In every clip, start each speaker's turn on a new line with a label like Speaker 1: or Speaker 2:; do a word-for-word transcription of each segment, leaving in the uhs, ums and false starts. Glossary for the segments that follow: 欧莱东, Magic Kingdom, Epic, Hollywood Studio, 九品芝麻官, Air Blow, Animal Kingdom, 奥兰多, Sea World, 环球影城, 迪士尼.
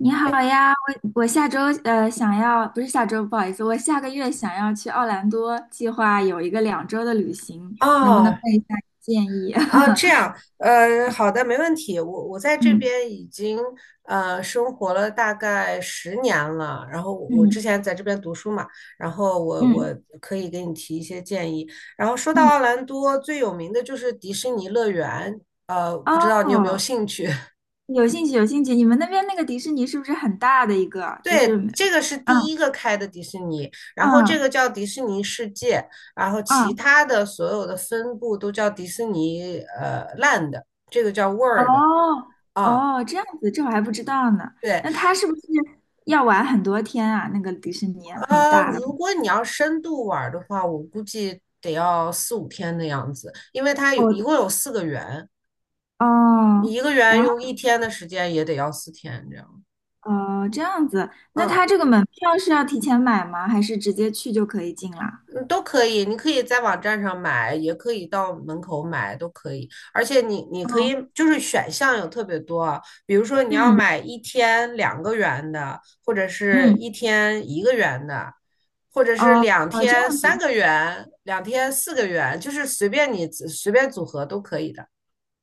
Speaker 1: 你好呀，我我下周呃想要，不是下周，不好意思，我下个月想要去奥兰多，计划有一个两周的旅行，能不能
Speaker 2: 哦
Speaker 1: 问一下建议？
Speaker 2: 哦，这 样，呃，好的，没问题。我我在这
Speaker 1: 嗯
Speaker 2: 边已经呃生活了大概十年了，然后我之
Speaker 1: 嗯
Speaker 2: 前在这边读书嘛，然后我
Speaker 1: 嗯
Speaker 2: 我可以给你提一些建议。然后说到
Speaker 1: 嗯。
Speaker 2: 奥兰多最有名的就是迪士尼乐园，呃，不知道你有没有
Speaker 1: 哦，
Speaker 2: 兴趣？
Speaker 1: 有兴趣有兴趣，你们那边那个迪士尼是不是很大的一个？就是，
Speaker 2: 对，
Speaker 1: 嗯
Speaker 2: 这个是第一个开的迪士尼，然后这个
Speaker 1: 嗯
Speaker 2: 叫迪士尼世界，然后其
Speaker 1: 嗯。
Speaker 2: 他的所有的分部都叫迪士尼呃 Land，这个叫
Speaker 1: 哦
Speaker 2: World。啊，
Speaker 1: 哦，这样子，这我还不知道呢。
Speaker 2: 对，
Speaker 1: 那他是不是要玩很多天啊？那个迪士尼很
Speaker 2: 呃，
Speaker 1: 大的。
Speaker 2: 如果你要深度玩儿的话，我估计得要四五天的样子，因为它有一共
Speaker 1: 哦
Speaker 2: 有四个园，
Speaker 1: 哦。
Speaker 2: 一个园
Speaker 1: 然后。
Speaker 2: 用一天的时间也得要四天这样。
Speaker 1: 哦，这样子，那
Speaker 2: 嗯，
Speaker 1: 他这个门票是要提前买吗？还是直接去就可以进啦？
Speaker 2: 嗯，都可以，你可以在网站上买，也可以到门口买，都可以。而且你你可以
Speaker 1: 哦，
Speaker 2: 就是选项有特别多啊，比如说你要
Speaker 1: 嗯
Speaker 2: 买一天两个元的，或者是
Speaker 1: 嗯。
Speaker 2: 一天一个元的，或者是
Speaker 1: 哦
Speaker 2: 两
Speaker 1: 哦，这
Speaker 2: 天
Speaker 1: 样子，
Speaker 2: 三个元，两天四个元，就是随便你随便组合都可以的。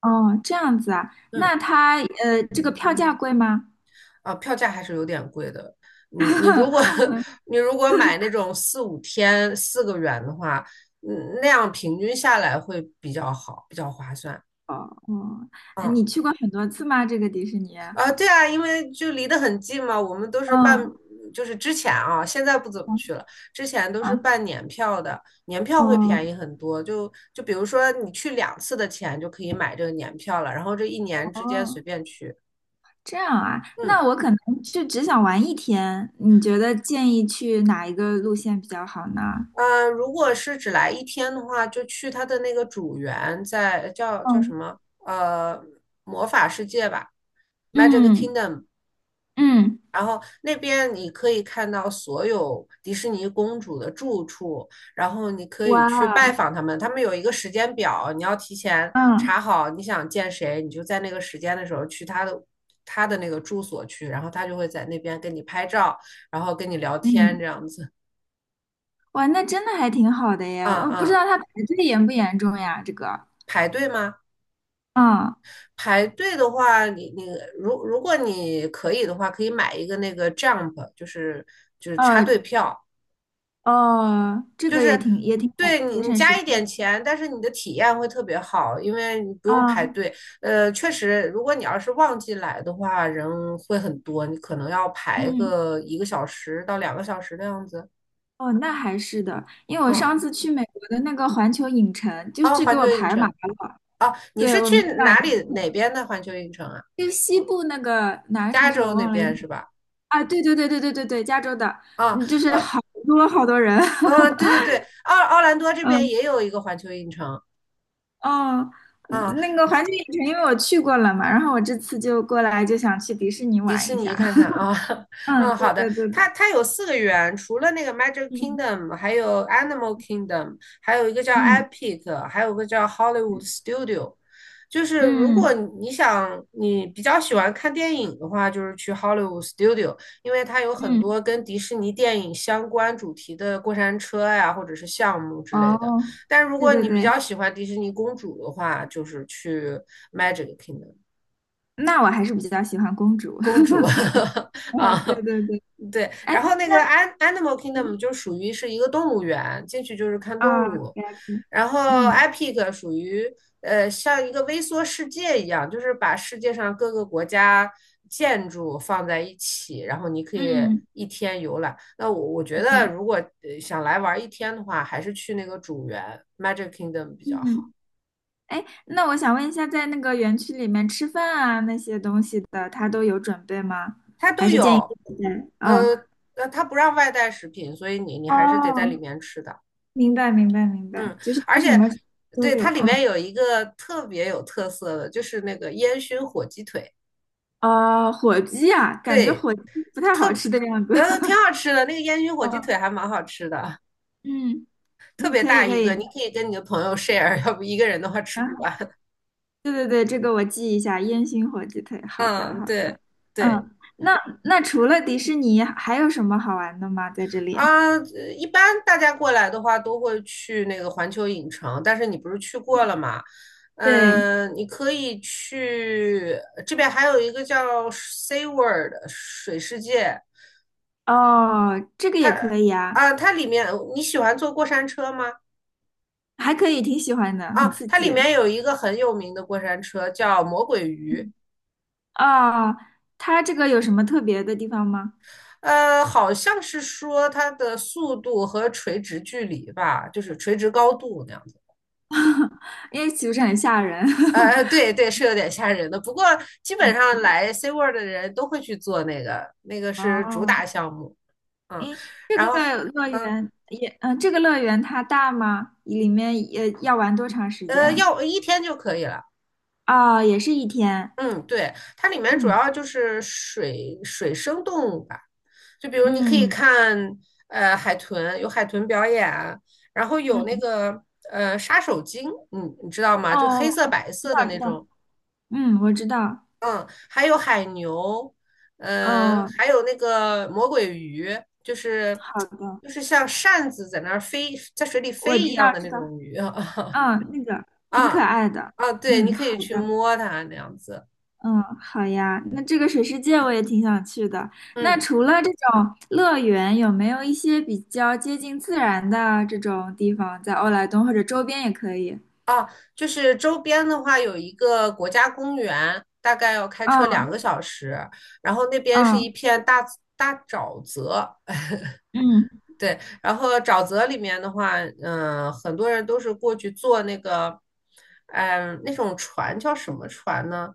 Speaker 1: 哦这样子啊，那
Speaker 2: 嗯。
Speaker 1: 他呃，这个票价贵吗？
Speaker 2: 啊，票价还是有点贵的。嗯，你如果 你如果买那种四五天四个元的话，嗯，那样平均下来会比较好，比较划算。
Speaker 1: 哦哦。呃你
Speaker 2: 嗯，
Speaker 1: 去过很多次吗？这个迪士尼？
Speaker 2: 啊，对啊，因为就离得很近嘛，我们都是办，
Speaker 1: 嗯
Speaker 2: 就是之前啊，现在不怎么去了，之前都是
Speaker 1: 啊。
Speaker 2: 办年票的，年票会
Speaker 1: 哦
Speaker 2: 便宜很多。就就比如说你去两次的钱就可以买这个年票了，然后这一年之间随
Speaker 1: 哦，
Speaker 2: 便去。
Speaker 1: 这样啊，
Speaker 2: 嗯。
Speaker 1: 那我可能是只想玩一天，你觉得建议去哪一个路线比较好呢？
Speaker 2: 呃，如果是只来一天的话，就去他的那个主园在，叫叫什
Speaker 1: 嗯
Speaker 2: 么？呃，魔法世界吧，Magic
Speaker 1: 嗯
Speaker 2: Kingdom。
Speaker 1: 嗯。
Speaker 2: 然后那边你可以看到所有迪士尼公主的住处，然后你可以
Speaker 1: 哇，
Speaker 2: 去拜访他们。他们有一个时间表，你要提前
Speaker 1: 嗯。
Speaker 2: 查好你想见谁，你就在那个时间的时候去他的他的那个住所去，然后他就会在那边跟你拍照，然后跟你聊天
Speaker 1: 嗯。
Speaker 2: 这样子。
Speaker 1: 哇，那真的还挺好的耶！
Speaker 2: 嗯
Speaker 1: 我不知
Speaker 2: 嗯，
Speaker 1: 道他排队严不严重呀？这个，
Speaker 2: 排队吗？
Speaker 1: 嗯，
Speaker 2: 排队的话，你你如如果你可以的话，可以买一个那个 Jump，就是就是插队
Speaker 1: 呃，
Speaker 2: 票，
Speaker 1: 哦，这
Speaker 2: 就
Speaker 1: 个也
Speaker 2: 是
Speaker 1: 挺也挺好的，
Speaker 2: 对你
Speaker 1: 节
Speaker 2: 你
Speaker 1: 省时
Speaker 2: 加
Speaker 1: 间
Speaker 2: 一点钱，但是你的体验会特别好，因为你不用排
Speaker 1: 啊。
Speaker 2: 队。呃，确实，如果你要是旺季来的话，人会很多，你可能要排
Speaker 1: 嗯。
Speaker 2: 个一个小时到两个小时的样子。
Speaker 1: 哦，那还是的，因为我
Speaker 2: 啊
Speaker 1: 上次去美国的那个环球影城，就
Speaker 2: 啊，
Speaker 1: 是给
Speaker 2: 环
Speaker 1: 我
Speaker 2: 球影
Speaker 1: 排满
Speaker 2: 城
Speaker 1: 了。
Speaker 2: 啊，你是
Speaker 1: 对，我
Speaker 2: 去
Speaker 1: 没买
Speaker 2: 哪
Speaker 1: 那
Speaker 2: 里
Speaker 1: 个票，
Speaker 2: 哪边的环球影城啊？
Speaker 1: 就是西部那个哪个城
Speaker 2: 加
Speaker 1: 市
Speaker 2: 州
Speaker 1: 我
Speaker 2: 那
Speaker 1: 忘了。
Speaker 2: 边是吧？
Speaker 1: 啊，对对对对对对对，加州的。
Speaker 2: 啊、
Speaker 1: 嗯，就是
Speaker 2: 呃。
Speaker 1: 好多好多人。
Speaker 2: 啊，对对 对，奥奥兰多这边
Speaker 1: 嗯。
Speaker 2: 也有一个环球影城
Speaker 1: 哦，
Speaker 2: 啊，
Speaker 1: 那个环球影城，因为我去过了嘛，然后我这次就过来就想去迪士尼
Speaker 2: 迪
Speaker 1: 玩
Speaker 2: 士
Speaker 1: 一
Speaker 2: 尼
Speaker 1: 下。
Speaker 2: 看看啊，
Speaker 1: 嗯，
Speaker 2: 嗯，
Speaker 1: 对
Speaker 2: 好的，
Speaker 1: 对对对。
Speaker 2: 它它有四个园，除了那个 Magic
Speaker 1: 嗯
Speaker 2: Kingdom，还有 Animal Kingdom，还有一个叫
Speaker 1: 嗯
Speaker 2: Epic，还有个叫 Hollywood Studio。就是如
Speaker 1: 嗯
Speaker 2: 果你想你比较喜欢看电影的话，就是去 Hollywood Studio，因为它有很多
Speaker 1: 嗯。
Speaker 2: 跟迪士尼电影相关主题的过山车呀，或者是项目之类的。
Speaker 1: 哦，
Speaker 2: 但如
Speaker 1: 对
Speaker 2: 果
Speaker 1: 对
Speaker 2: 你比
Speaker 1: 对，
Speaker 2: 较喜欢迪士尼公主的话，就是去 Magic Kingdom
Speaker 1: 那我还是比较喜欢公主。
Speaker 2: 公 主
Speaker 1: 哦，对
Speaker 2: 啊。
Speaker 1: 对对。
Speaker 2: 对，
Speaker 1: 哎，
Speaker 2: 然后那个
Speaker 1: 那
Speaker 2: an Animal Kingdom 就属于是一个动物园，进去就是看
Speaker 1: 啊，
Speaker 2: 动
Speaker 1: 了
Speaker 2: 物，
Speaker 1: 解。
Speaker 2: 然后
Speaker 1: 嗯
Speaker 2: Epic 属于呃像一个微缩世界一样，就是把世界上各个国家建筑放在一起，然后你可以
Speaker 1: 嗯。
Speaker 2: 一天游览。那我我觉
Speaker 1: 明
Speaker 2: 得
Speaker 1: 白。
Speaker 2: 如果呃想来玩一天的话，还是去那个主园 Magic Kingdom 比较好。
Speaker 1: 嗯，哎，那我想问一下，在那个园区里面吃饭啊那些东西的，他都有准备吗？
Speaker 2: 它
Speaker 1: 还
Speaker 2: 都
Speaker 1: 是建议
Speaker 2: 有，
Speaker 1: 自己带？哦
Speaker 2: 呃呃，它不让外带食品，所以你你还是得在里
Speaker 1: 哦，
Speaker 2: 面吃的。
Speaker 1: 明白明白明白，
Speaker 2: 嗯，
Speaker 1: 就是
Speaker 2: 而
Speaker 1: 它什
Speaker 2: 且
Speaker 1: 么都
Speaker 2: 对
Speaker 1: 有，
Speaker 2: 它里面
Speaker 1: 嗯。
Speaker 2: 有一个特别有特色的，就是那个烟熏火鸡腿。
Speaker 1: 啊、火鸡啊，感觉
Speaker 2: 对，
Speaker 1: 火鸡不太
Speaker 2: 特
Speaker 1: 好吃的样子。
Speaker 2: 呃挺 好吃的，那个烟熏火鸡腿
Speaker 1: 嗯
Speaker 2: 还蛮好吃的，
Speaker 1: 嗯
Speaker 2: 特
Speaker 1: 嗯，
Speaker 2: 别
Speaker 1: 可以
Speaker 2: 大
Speaker 1: 可
Speaker 2: 一个，
Speaker 1: 以，
Speaker 2: 你可以跟你的朋友 share，要不一个人的话吃
Speaker 1: 然
Speaker 2: 不
Speaker 1: 后
Speaker 2: 完。
Speaker 1: 对对对，这个我记一下，烟熏火鸡腿，好的
Speaker 2: 嗯，
Speaker 1: 好的。
Speaker 2: 对
Speaker 1: 嗯，
Speaker 2: 对
Speaker 1: 那那除了迪士尼还有什么好玩的吗？在这里？
Speaker 2: 啊，呃一般大家过来的话都会去那个环球影城，但是你不是去过了吗？
Speaker 1: 对。
Speaker 2: 嗯，你可以去这边还有一个叫 Sea World 水世界。
Speaker 1: 哦，这个也可以啊。
Speaker 2: 啊，它里面你喜欢坐过山车吗？
Speaker 1: 还可以，挺喜欢的，很
Speaker 2: 啊，
Speaker 1: 刺
Speaker 2: 它里
Speaker 1: 激。
Speaker 2: 面有一个很有名的过山车叫魔鬼鱼。
Speaker 1: 嗯。哦，它这个有什么特别的地方吗？
Speaker 2: 呃，好像是说它的速度和垂直距离吧，就是垂直高度那样子。
Speaker 1: 因为岂不是很吓人？
Speaker 2: 呃，呃对 对，是有点吓人的。不过基本上来 C w o r l d 的人都会去做那个，那个是主
Speaker 1: 哦。
Speaker 2: 打项目。嗯，
Speaker 1: 诶，这
Speaker 2: 然
Speaker 1: 个
Speaker 2: 后
Speaker 1: 乐
Speaker 2: 嗯
Speaker 1: 园也，嗯、这个乐园它大吗？里面也要玩多长时
Speaker 2: 呃，
Speaker 1: 间？
Speaker 2: 要一天就可以了。
Speaker 1: 啊？也是一天。
Speaker 2: 嗯，对，它里面主
Speaker 1: 嗯
Speaker 2: 要就是水水生动物吧，就比如你可以
Speaker 1: 嗯
Speaker 2: 看呃海豚，有海豚表演，然后有那
Speaker 1: 嗯。
Speaker 2: 个呃杀手鲸，你你知道吗？就黑
Speaker 1: 哦，
Speaker 2: 色白
Speaker 1: 知
Speaker 2: 色的
Speaker 1: 道知
Speaker 2: 那
Speaker 1: 道，
Speaker 2: 种，
Speaker 1: 嗯，我知道。
Speaker 2: 还有海牛，呃，
Speaker 1: 哦，
Speaker 2: 还有那个魔鬼鱼，就是
Speaker 1: 好的。
Speaker 2: 就是像扇子在那儿飞，在水里
Speaker 1: 我
Speaker 2: 飞一
Speaker 1: 知
Speaker 2: 样
Speaker 1: 道
Speaker 2: 的
Speaker 1: 知
Speaker 2: 那
Speaker 1: 道。
Speaker 2: 种鱼
Speaker 1: 嗯，那个挺可
Speaker 2: 啊
Speaker 1: 爱的。
Speaker 2: 啊，对，你
Speaker 1: 嗯，
Speaker 2: 可以
Speaker 1: 好
Speaker 2: 去
Speaker 1: 的。
Speaker 2: 摸它那样子，
Speaker 1: 嗯，好呀。那这个水世界我也挺想去的。那
Speaker 2: 嗯。
Speaker 1: 除了这种乐园，有没有一些比较接近自然的这种地方，在欧莱东或者周边也可以？
Speaker 2: 啊，就是周边的话有一个国家公园，大概要开车两
Speaker 1: 啊
Speaker 2: 个小时，然后那边是
Speaker 1: 啊。
Speaker 2: 一片大自大沼泽。
Speaker 1: 嗯，
Speaker 2: 对，然后沼泽里面的话，嗯、很多人都是过去坐那个，嗯、那种船叫什么船呢？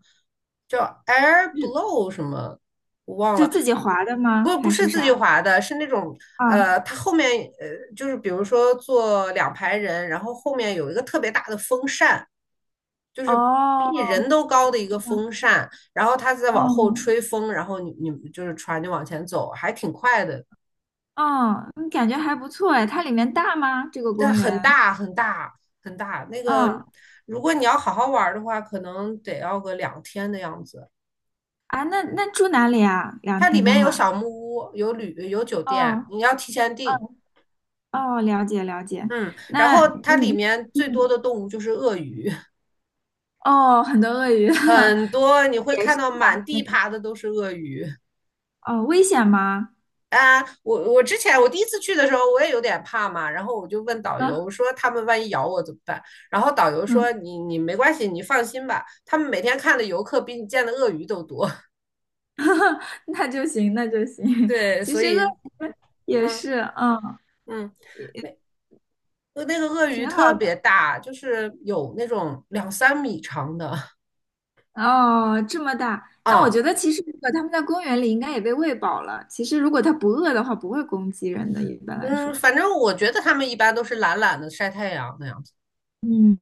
Speaker 2: 叫 Air
Speaker 1: 是
Speaker 2: Blow 什么，我忘
Speaker 1: 就
Speaker 2: 了。
Speaker 1: 自己划的吗？
Speaker 2: 不，不
Speaker 1: 还
Speaker 2: 是
Speaker 1: 是
Speaker 2: 自己
Speaker 1: 啥？
Speaker 2: 划的，是那种
Speaker 1: 啊。
Speaker 2: 呃，它后面呃，就是比如说坐两排人，然后后面有一个特别大的风扇，就是比
Speaker 1: 哦，
Speaker 2: 你人都高的一个
Speaker 1: 知道。
Speaker 2: 风扇，然后它再往后
Speaker 1: 嗯
Speaker 2: 吹风，然后你你就是船就往前走，还挺快的。
Speaker 1: 嗯。嗯，感觉还不错哎。它里面大吗？这个
Speaker 2: 但
Speaker 1: 公
Speaker 2: 很
Speaker 1: 园？
Speaker 2: 大很大很大。那个
Speaker 1: 嗯。
Speaker 2: 如果你要好好玩儿的话，可能得要个两天的样子。
Speaker 1: 啊，那那住哪里啊？两
Speaker 2: 它里
Speaker 1: 天的
Speaker 2: 面有
Speaker 1: 话。
Speaker 2: 小木屋，有旅有酒店，
Speaker 1: 哦
Speaker 2: 你要提前订。
Speaker 1: 哦哦，了解了解。
Speaker 2: 嗯，然
Speaker 1: 那
Speaker 2: 后它里
Speaker 1: 嗯
Speaker 2: 面最多
Speaker 1: 嗯，
Speaker 2: 的动物就是鳄鱼，
Speaker 1: 哦，很多鳄鱼。野
Speaker 2: 很多你会
Speaker 1: 生
Speaker 2: 看到
Speaker 1: 的
Speaker 2: 满
Speaker 1: 那
Speaker 2: 地
Speaker 1: 个。
Speaker 2: 爬的都是鳄鱼。
Speaker 1: 哦，危险吗？
Speaker 2: 啊，我我之前我第一次去的时候，我也有点怕嘛，然后我就问导游，
Speaker 1: 啊。
Speaker 2: 我说他们万一咬我怎么办？然后导游
Speaker 1: 嗯。
Speaker 2: 说你你没关系，你放心吧，他们每天看的游客比你见的鳄鱼都多。
Speaker 1: 那就行，那就行。
Speaker 2: 对，
Speaker 1: 其
Speaker 2: 所
Speaker 1: 实
Speaker 2: 以
Speaker 1: 鳄鱼也
Speaker 2: 嗯
Speaker 1: 是，嗯，
Speaker 2: 嗯，那那个鳄鱼
Speaker 1: 挺好
Speaker 2: 特别
Speaker 1: 的。
Speaker 2: 大，就是有那种两三米长的
Speaker 1: 哦，这么大，那我
Speaker 2: 啊，
Speaker 1: 觉得其实如果他们在公园里应该也被喂饱了。其实如果它不饿的话，不会攻击人的，一般来
Speaker 2: 嗯，
Speaker 1: 说。
Speaker 2: 反正我觉得他们一般都是懒懒的晒太阳那样子。
Speaker 1: 嗯，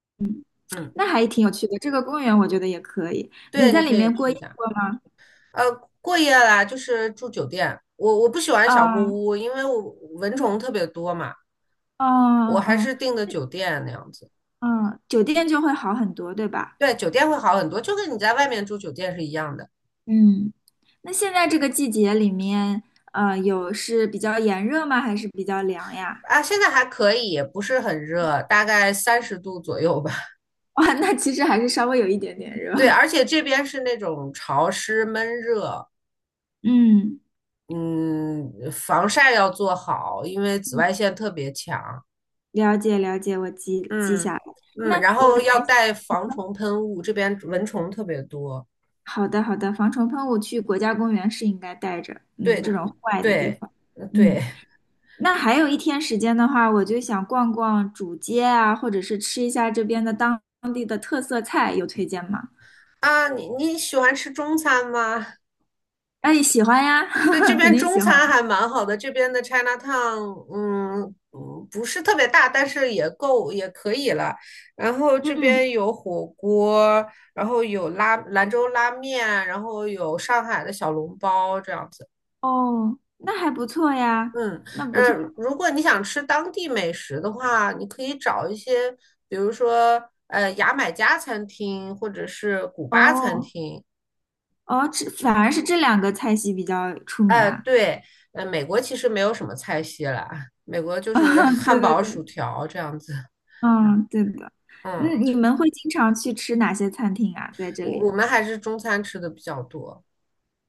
Speaker 2: 嗯，
Speaker 1: 那还挺有趣的。这个公园我觉得也可以。你
Speaker 2: 对，你
Speaker 1: 在里
Speaker 2: 可以
Speaker 1: 面过
Speaker 2: 去一
Speaker 1: 夜
Speaker 2: 下。
Speaker 1: 过吗？
Speaker 2: 呃，过夜啦，就是住酒店。我我不喜欢小木
Speaker 1: 啊，
Speaker 2: 屋，因为我蚊虫特别多嘛。
Speaker 1: 啊
Speaker 2: 我还
Speaker 1: 啊。
Speaker 2: 是订的酒店那样子。
Speaker 1: 嗯，酒店就会好很多，对吧？
Speaker 2: 对，酒店会好很多，就跟你在外面住酒店是一样的。
Speaker 1: 嗯，那现在这个季节里面，呃，有是比较炎热吗？还是比较凉呀？
Speaker 2: 啊，现在还可以，也不是很热，大概三十度左右吧。
Speaker 1: 哇，那其实还是稍微有一点点热。
Speaker 2: 对，而 且这边是那种潮湿闷热。
Speaker 1: 嗯。
Speaker 2: 嗯，防晒要做好，因为紫外线特别强。
Speaker 1: 了解了解，我记记
Speaker 2: 嗯
Speaker 1: 下来。
Speaker 2: 嗯，
Speaker 1: 那
Speaker 2: 然
Speaker 1: 我
Speaker 2: 后要
Speaker 1: 还
Speaker 2: 带防虫喷雾，这边蚊虫特别多。
Speaker 1: 好的好的，防虫喷雾去国家公园是应该带着，嗯，
Speaker 2: 对
Speaker 1: 这种户外的地
Speaker 2: 对。
Speaker 1: 方。嗯。
Speaker 2: 对，
Speaker 1: 那还有一天时间的话，我就想逛逛主街啊，或者是吃一下这边的当地的特色菜，有推荐吗？
Speaker 2: 啊，你你喜欢吃中餐吗？
Speaker 1: 哎，喜欢呀。
Speaker 2: 对，这
Speaker 1: 肯
Speaker 2: 边
Speaker 1: 定
Speaker 2: 中
Speaker 1: 喜
Speaker 2: 餐
Speaker 1: 欢。
Speaker 2: 还蛮好的，这边的 Chinatown，嗯嗯，不是特别大，但是也够也可以了。然后这
Speaker 1: 嗯。
Speaker 2: 边有火锅，然后有拉兰州拉面，然后有上海的小笼包这样子。
Speaker 1: 哦，那还不错呀，
Speaker 2: 嗯，
Speaker 1: 那不
Speaker 2: 呃，
Speaker 1: 错。
Speaker 2: 如果你想吃当地美食的话，你可以找一些，比如说呃牙买加餐厅或者是古巴餐
Speaker 1: 哦
Speaker 2: 厅。
Speaker 1: 哦，这反而是这两个菜系比较出名
Speaker 2: 哎，
Speaker 1: 啊。
Speaker 2: 对，呃，美国其实没有什么菜系啦，美国 就是
Speaker 1: 啊，
Speaker 2: 汉
Speaker 1: 对对
Speaker 2: 堡、薯
Speaker 1: 对。
Speaker 2: 条这样子。
Speaker 1: 嗯，对的。
Speaker 2: 嗯，
Speaker 1: 嗯，你们会经常去吃哪些餐厅啊？在这
Speaker 2: 我
Speaker 1: 里？
Speaker 2: 我们还是中餐吃的比较多，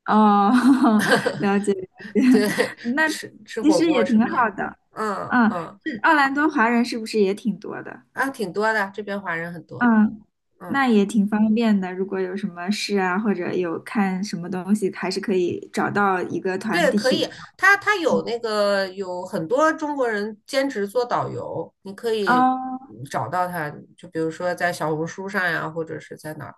Speaker 1: 哦。了解了解。
Speaker 2: 对，
Speaker 1: 那
Speaker 2: 吃吃
Speaker 1: 其
Speaker 2: 火
Speaker 1: 实
Speaker 2: 锅、
Speaker 1: 也
Speaker 2: 吃
Speaker 1: 挺好
Speaker 2: 面，
Speaker 1: 的。
Speaker 2: 嗯
Speaker 1: 嗯，
Speaker 2: 嗯，
Speaker 1: 这奥兰多华人是不是也挺多的？
Speaker 2: 啊，挺多的，这边华人很多。
Speaker 1: 嗯，
Speaker 2: 嗯。
Speaker 1: 那也挺方便的。如果有什么事啊，或者有看什么东西，还是可以找到一个团
Speaker 2: 对，可
Speaker 1: 体。
Speaker 2: 以，他他有那个有很多中国人兼职做导游，你可以
Speaker 1: 哦。
Speaker 2: 嗯找到他，就比如说在小红书上呀，或者是在哪儿，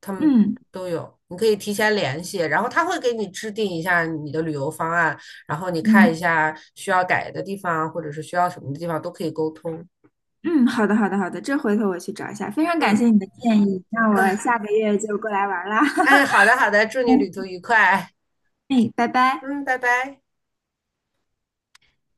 Speaker 2: 他们
Speaker 1: 嗯
Speaker 2: 都有，你可以提前联系，然后他会给你制定一下你的旅游方案，然后你看一
Speaker 1: 嗯
Speaker 2: 下需要改的地方，或者是需要什么的地方都可以沟通。
Speaker 1: 嗯，好的好的好的，这回头我去找一下。非常感谢
Speaker 2: 嗯，
Speaker 1: 你的建议，那我下个月就过来玩啦。
Speaker 2: 哎，好的好的，祝你旅途 愉快。
Speaker 1: 哎，拜拜。
Speaker 2: 嗯，拜拜。